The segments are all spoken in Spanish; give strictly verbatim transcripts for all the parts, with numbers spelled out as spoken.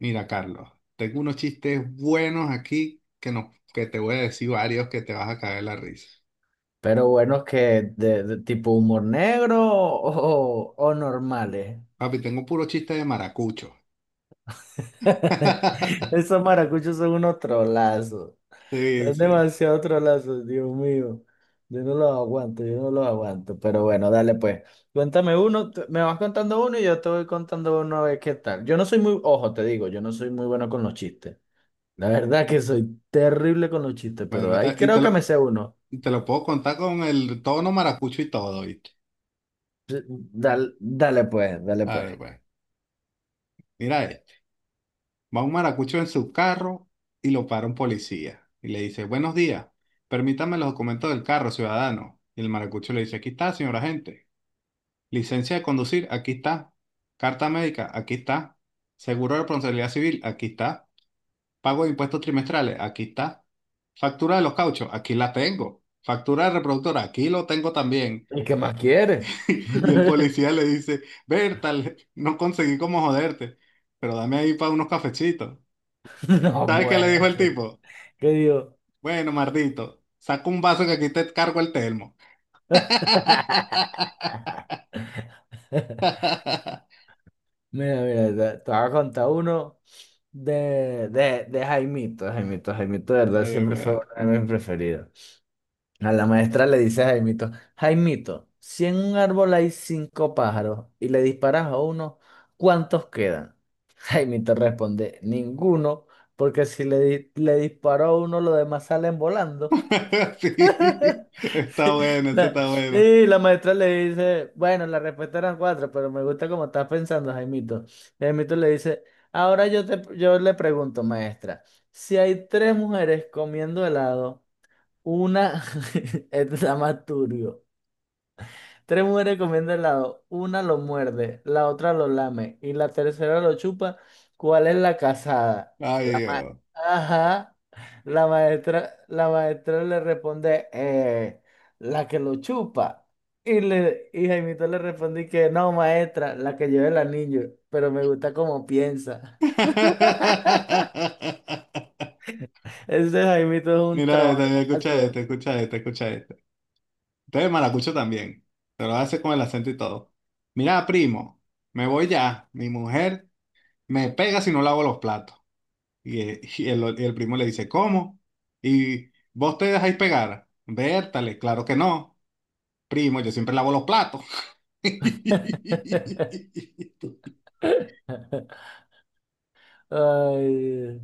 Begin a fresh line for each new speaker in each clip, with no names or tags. Mira, Carlos, tengo unos chistes buenos aquí que, no, que te voy a decir varios que te vas a caer la risa.
Pero buenos que de, de tipo humor negro o, o normales.
Papi, tengo puro chiste de maracucho.
Esos maracuchos son unos trolazos.
Sí,
Son
sí.
demasiado trolazos, Dios mío. Yo no los aguanto, yo no los aguanto. Pero bueno, dale pues. Cuéntame uno, tú- me vas contando uno y yo te voy contando uno a ver qué tal. Yo no soy muy, ojo, te digo, yo no soy muy bueno con los chistes. La verdad que soy terrible con los chistes, pero
Bueno,
ahí
ta- y
creo
te
que
lo,
me sé uno.
y te lo puedo contar con el tono maracucho y todo, ¿viste?
Dale, dale pues, dale pues.
Dale, pues. Mira este. Va un maracucho en su carro y lo para un policía. Y le dice, buenos días, permítame los documentos del carro, ciudadano. Y el maracucho le dice, aquí está, señor agente. Licencia de conducir, aquí está. Carta médica, aquí está. Seguro de responsabilidad civil, aquí está. Pago de impuestos trimestrales, aquí está. Factura de los cauchos, aquí la tengo. Factura de reproductora, aquí lo tengo también.
¿Y qué más quiere?
Y el policía le dice, Berta, le- no conseguí cómo joderte, pero dame ahí para unos cafecitos.
No
¿Sabes qué le
puede
dijo el
ser.
tipo?
¿Qué digo?
Bueno, mardito, saca un vaso que aquí te cargo el termo. Ay,
Mira, mira, te, te voy a contar uno de, de, de Jaimito, Jaimito, Jaimito, de verdad,
de
siempre fue
verdad.
uno de mis preferidos. A la maestra le dice a Jaimito, Jaimito, si en un árbol hay cinco pájaros y le disparas a uno, ¿cuántos quedan? Jaimito responde, ninguno, porque si le, di- le disparo a uno, los demás salen volando.
Sí, está
Sí,
bueno, ese
la,
está bueno.
sí, la maestra le dice, bueno, la respuesta eran cuatro, pero me gusta cómo estás pensando, Jaimito. Y Jaimito le dice, ahora yo te, yo le pregunto, maestra, si hay tres mujeres comiendo helado, una es la más turbio. Tres mujeres comiendo helado, una lo muerde, la otra lo lame y la tercera lo chupa, ¿cuál es la casada?
Ay, Dios.
Ajá. La maestra, la maestra le responde, eh, la que lo chupa. Y, le, y Jaimito le respondí que no, maestra, la que lleva el anillo, pero me gusta cómo piensa. Ese Jaimito es un
Mira esta, mira, escucha
trolazo.
esta, escucha esta, escucha esta. Este es maracucho también. Te lo hace con el acento y todo. Mira, primo, me voy ya. Mi mujer me pega si no lavo los platos. Y, eh, y el, y el primo le dice, ¿cómo? ¿Y vos te dejáis pegar? Vértale, claro que no. Primo, yo siempre lavo los platos.
Ay,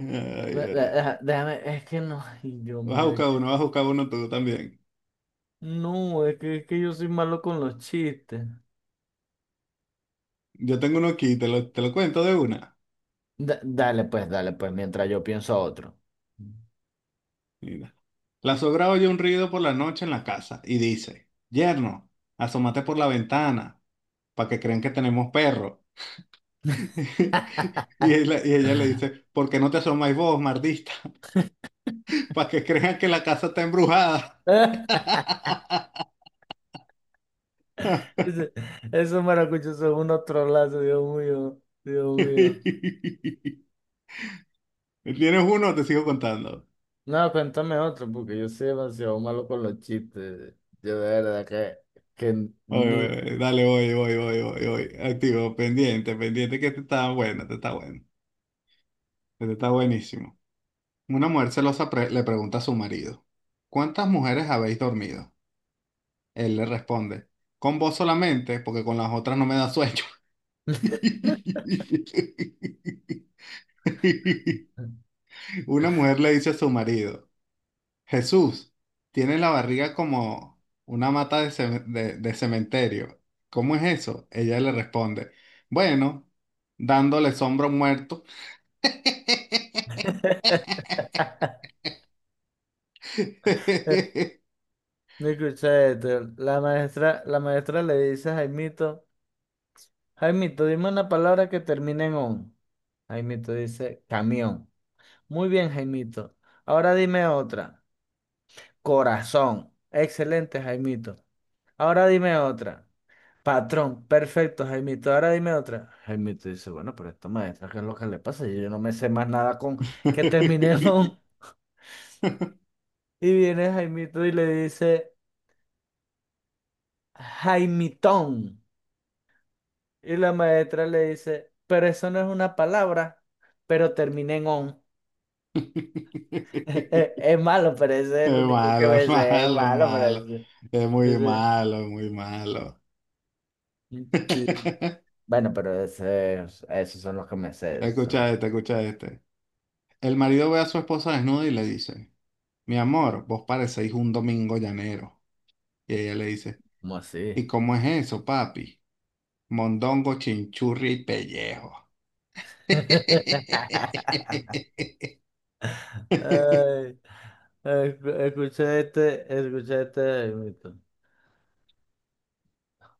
Ay,
ve- ve-
ay.
deja- déjame, es que no, ay, Dios
Vas a
mío, es
buscar
que,
uno, vas a buscar uno tú también.
no, es que, es que yo soy malo con los chistes.
Yo tengo uno aquí, te lo, te lo cuento de una.
Da- dale pues, dale pues, mientras yo pienso otro.
Mira. La sogra oye un ruido por la noche en la casa y dice, Yerno, asómate por la ventana para que crean que tenemos perro. Y ella, y ella le dice, ¿por qué no te asomáis vos, mardista? Para que crean que la casa está embrujada.
Ese- Esos maracuchos son un otro lazo, Dios mío, Dios mío.
¿Tienes uno o te sigo contando?
No, cuéntame otro, porque yo soy demasiado malo con los chistes. Yo de verdad que, que
Oye,
ni...
oye, dale, oye, oye, oye, oye, oye. Activo, pendiente, pendiente, que este está bueno, este está bueno. Este está buenísimo. Una mujer celosa pre- le pregunta a su marido, ¿cuántas mujeres habéis dormido? Él le responde, con vos solamente, porque con las otras no me da sueño. Una mujer le dice a su marido, Jesús, tienes la barriga como una mata de, ce- de- de cementerio. ¿Cómo es eso? Ella le responde, bueno, dándole sombra a un muerto.
No escuché esto. La maestra, la maestra le dice a Jaimito, Jaimito, dime una palabra que termine en on. Jaimito dice, camión. Muy bien, Jaimito. Ahora dime otra. Corazón. Excelente, Jaimito. Ahora dime otra. Patrón, perfecto, Jaimito. Ahora dime otra. Jaimito dice, bueno, pero esta maestra, ¿qué es lo que le pasa? Yo no me sé más nada con que terminemos. Y viene Jaimito y le dice, Jaimitón. Y la maestra le dice, pero eso no es una palabra, pero termina en on. Es es malo, pero ese es el
Es
único que
malo,
me sé. Es
malo,
malo, pero
malo.
ese.
Es muy
ese-
malo, muy malo.
mm, sí. Bueno, pero ese, esos son los que me sé. Esos son los
Escucha
que...
este, escucha este. El marido ve a su esposa desnuda y le dice, mi amor, vos parecéis un domingo llanero. Y ella le dice,
¿Cómo así?
¿y cómo es eso, papi? Mondongo, chinchurria y pellejo.
Ay, escu- escuché este, escuché este, de Jaimito.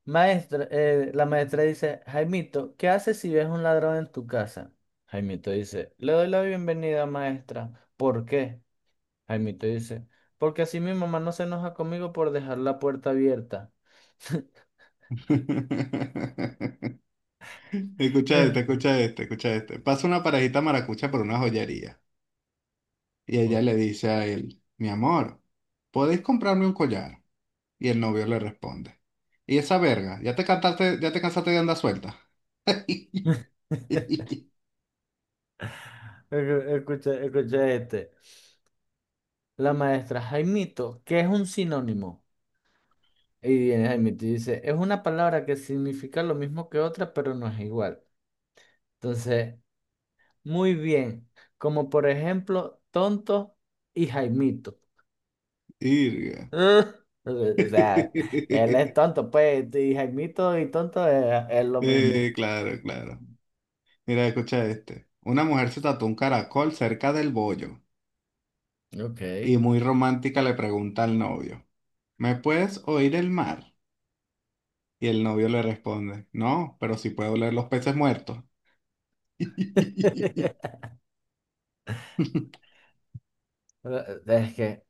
Maestra, eh, la maestra dice, Jaimito, ¿qué haces si ves un ladrón en tu casa? Jaimito dice, le doy la bienvenida, maestra. ¿Por qué? Jaimito dice, porque así mi mamá no se enoja conmigo por dejar la puerta abierta.
Escucha este, escucha este, escucha este. Pasa una parejita maracucha por una joyería y
Oh.
ella le dice a él, mi amor, ¿podéis comprarme un collar? Y el novio le responde, ¿y esa verga? ¿Ya te cantaste, ya te cansaste de andar suelta?
Escu- Escuché, escuché este. La maestra, Jaimito, ¿qué es un sinónimo? Y viene Jaime te dice, es una palabra que significa lo mismo que otra, pero no es igual. Entonces, muy bien. Como por ejemplo, tonto y Jaimito.
Irga.
Ah. O sea, él es tonto, pues, y Jaimito y tonto es, es lo
Eh,
mismo.
claro, claro. Mira, escucha este. Una mujer se tatuó un caracol cerca del bollo
Ok.
y muy romántica le pregunta al novio, ¿me puedes oír el mar? Y el novio le responde, no, pero sí puedo oler los peces muertos.
Es que,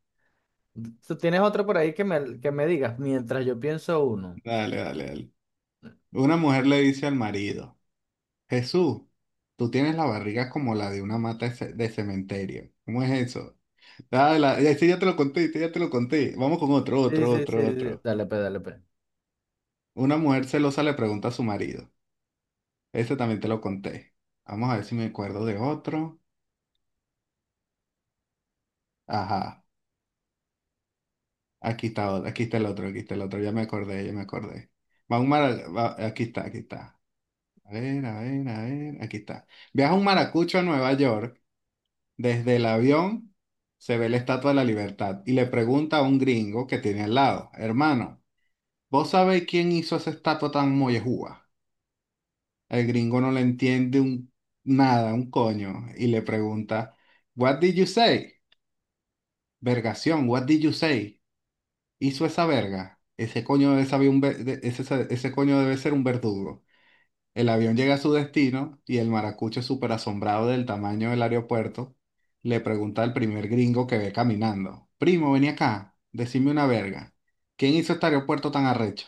¿tú tienes otro por ahí que me, que me digas mientras yo pienso uno?
Dale, dale, dale. Una mujer le dice al marido. Jesús, tú tienes la barriga como la de una mata de ce- de cementerio. ¿Cómo es eso? Ah, la- ya sí, ya te lo conté, sí, ya te lo conté. Vamos con otro,
Sí,
otro,
sí,
otro,
sí, sí.
otro.
Dale, pe, dale, pe.
Una mujer celosa le pregunta a su marido. Ese también te lo conté. Vamos a ver si me acuerdo de otro. Ajá, aquí está, otro, aquí está el otro, aquí está el otro. Ya me acordé, ya me acordé. Va un mara- va- aquí está, aquí está. A ver, a ver, a ver, aquí está. Viaja un maracucho a Nueva York. Desde el avión se ve la Estatua de la Libertad y le pregunta a un gringo que tiene al lado, hermano, ¿vos sabéis quién hizo esa estatua tan mollejúa? El gringo no le entiende un, nada, un coño, y le pregunta, What did you say? Vergación, what did you say? ¿Hizo esa verga? Ese coño debe saber un ver- de- ese, ese coño debe ser un verdugo. El avión llega a su destino y el maracucho, súper asombrado del tamaño del aeropuerto, le pregunta al primer gringo que ve caminando: Primo, vení acá, decime una verga. ¿Quién hizo este aeropuerto tan arrecho?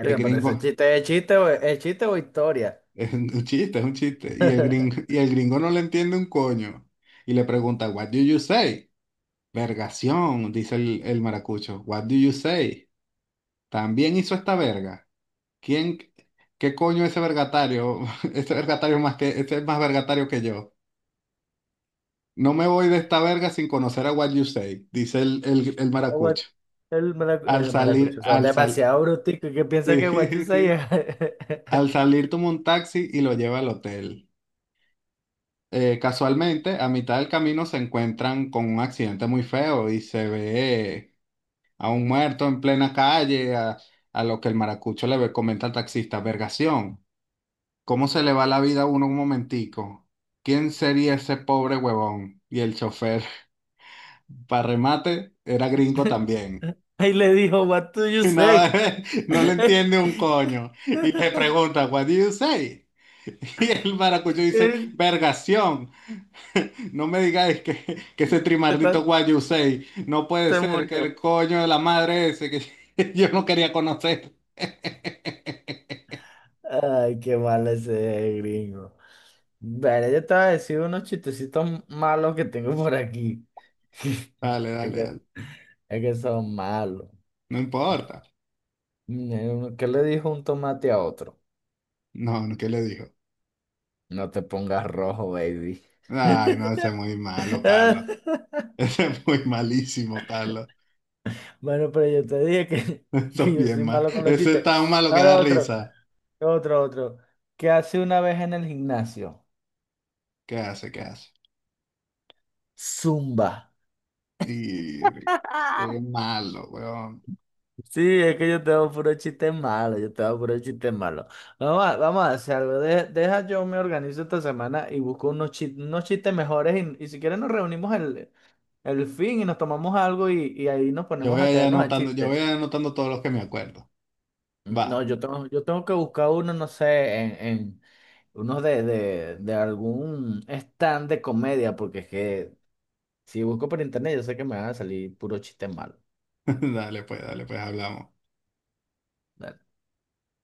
Y el
pero ese
gringo,
chiste es chiste o es chiste o historia.
es un chiste, es un chiste. Y el gringo, y el gringo no le entiende un coño. Y le pregunta: What do you say? Vergación, dice el, el maracucho. What do you say? También hizo esta verga. ¿Quién, ¿qué coño ese vergatario? Ese vergatario más que, ese es más vergatario que yo. No me voy de esta verga sin conocer a What You Say, dice el, el, el maracucho.
What- El maracu-
Al
el
salir,
maracucho son
al sal,
demasiado bruticos que piensa que what you
sí,
say es...
sí. Al salir toma un taxi y lo lleva al hotel. Eh, casualmente, a mitad del camino se encuentran con un accidente muy feo y se ve a un muerto en plena calle, a, a lo que el maracucho le ve- comenta al taxista, vergación, ¿cómo se le va la vida a uno un momentico? ¿Quién sería ese pobre huevón? Y el chofer, para remate, era gringo también.
Ahí le dijo, what do you
Y no,
say?
no le entiende un coño. Y le pregunta, What do you say? Y el maracucho dice,
¿Qué
Vergación. No me digáis que, que ese trimardito
tal?
What you say. No puede
Se
ser que
murió.
el coño de la madre ese que yo no quería conocer.
Ay, qué mal ese gringo. Vale, yo te voy a decir unos chistecitos malos que tengo por aquí.
Dale,
Es
dale,
que,
dale.
es que son malos.
No importa.
Mm, ¿Qué le dijo un tomate a otro?
No, no, ¿qué le dijo?
No te pongas rojo, baby.
Ay, no, ese es muy malo, Carlos. Ese es muy malísimo, Carlos.
Bueno, pero yo te dije que,
Eso
que
es
yo
bien
soy
mal.
malo con los
Ese es tan
chistes.
malo que da
Ahora otro,
risa.
otro, otro. ¿Qué hace una vez en el gimnasio?
¿Qué hace? ¿Qué hace?
Zumba.
Y qué malo, weón.
Sí, es que yo tengo puro chiste malo, yo tengo puro chiste malo. Vamos a, vamos a hacer algo. De- deja yo me organizo esta semana y busco unos, chi- unos chistes mejores y, y si quieres nos reunimos el, el fin y nos tomamos algo y, y ahí nos
Yo
ponemos
voy a
a
ir
caernos a
anotando, yo
chistes.
voy a ir anotando todos los que me acuerdo.
No,
Va.
yo tengo, yo tengo que buscar uno, no sé, en, en uno de, de, de algún stand de comedia, porque es que si busco por internet yo sé que me van a salir puro chiste malo.
Dale, pues, dale, pues, hablamos.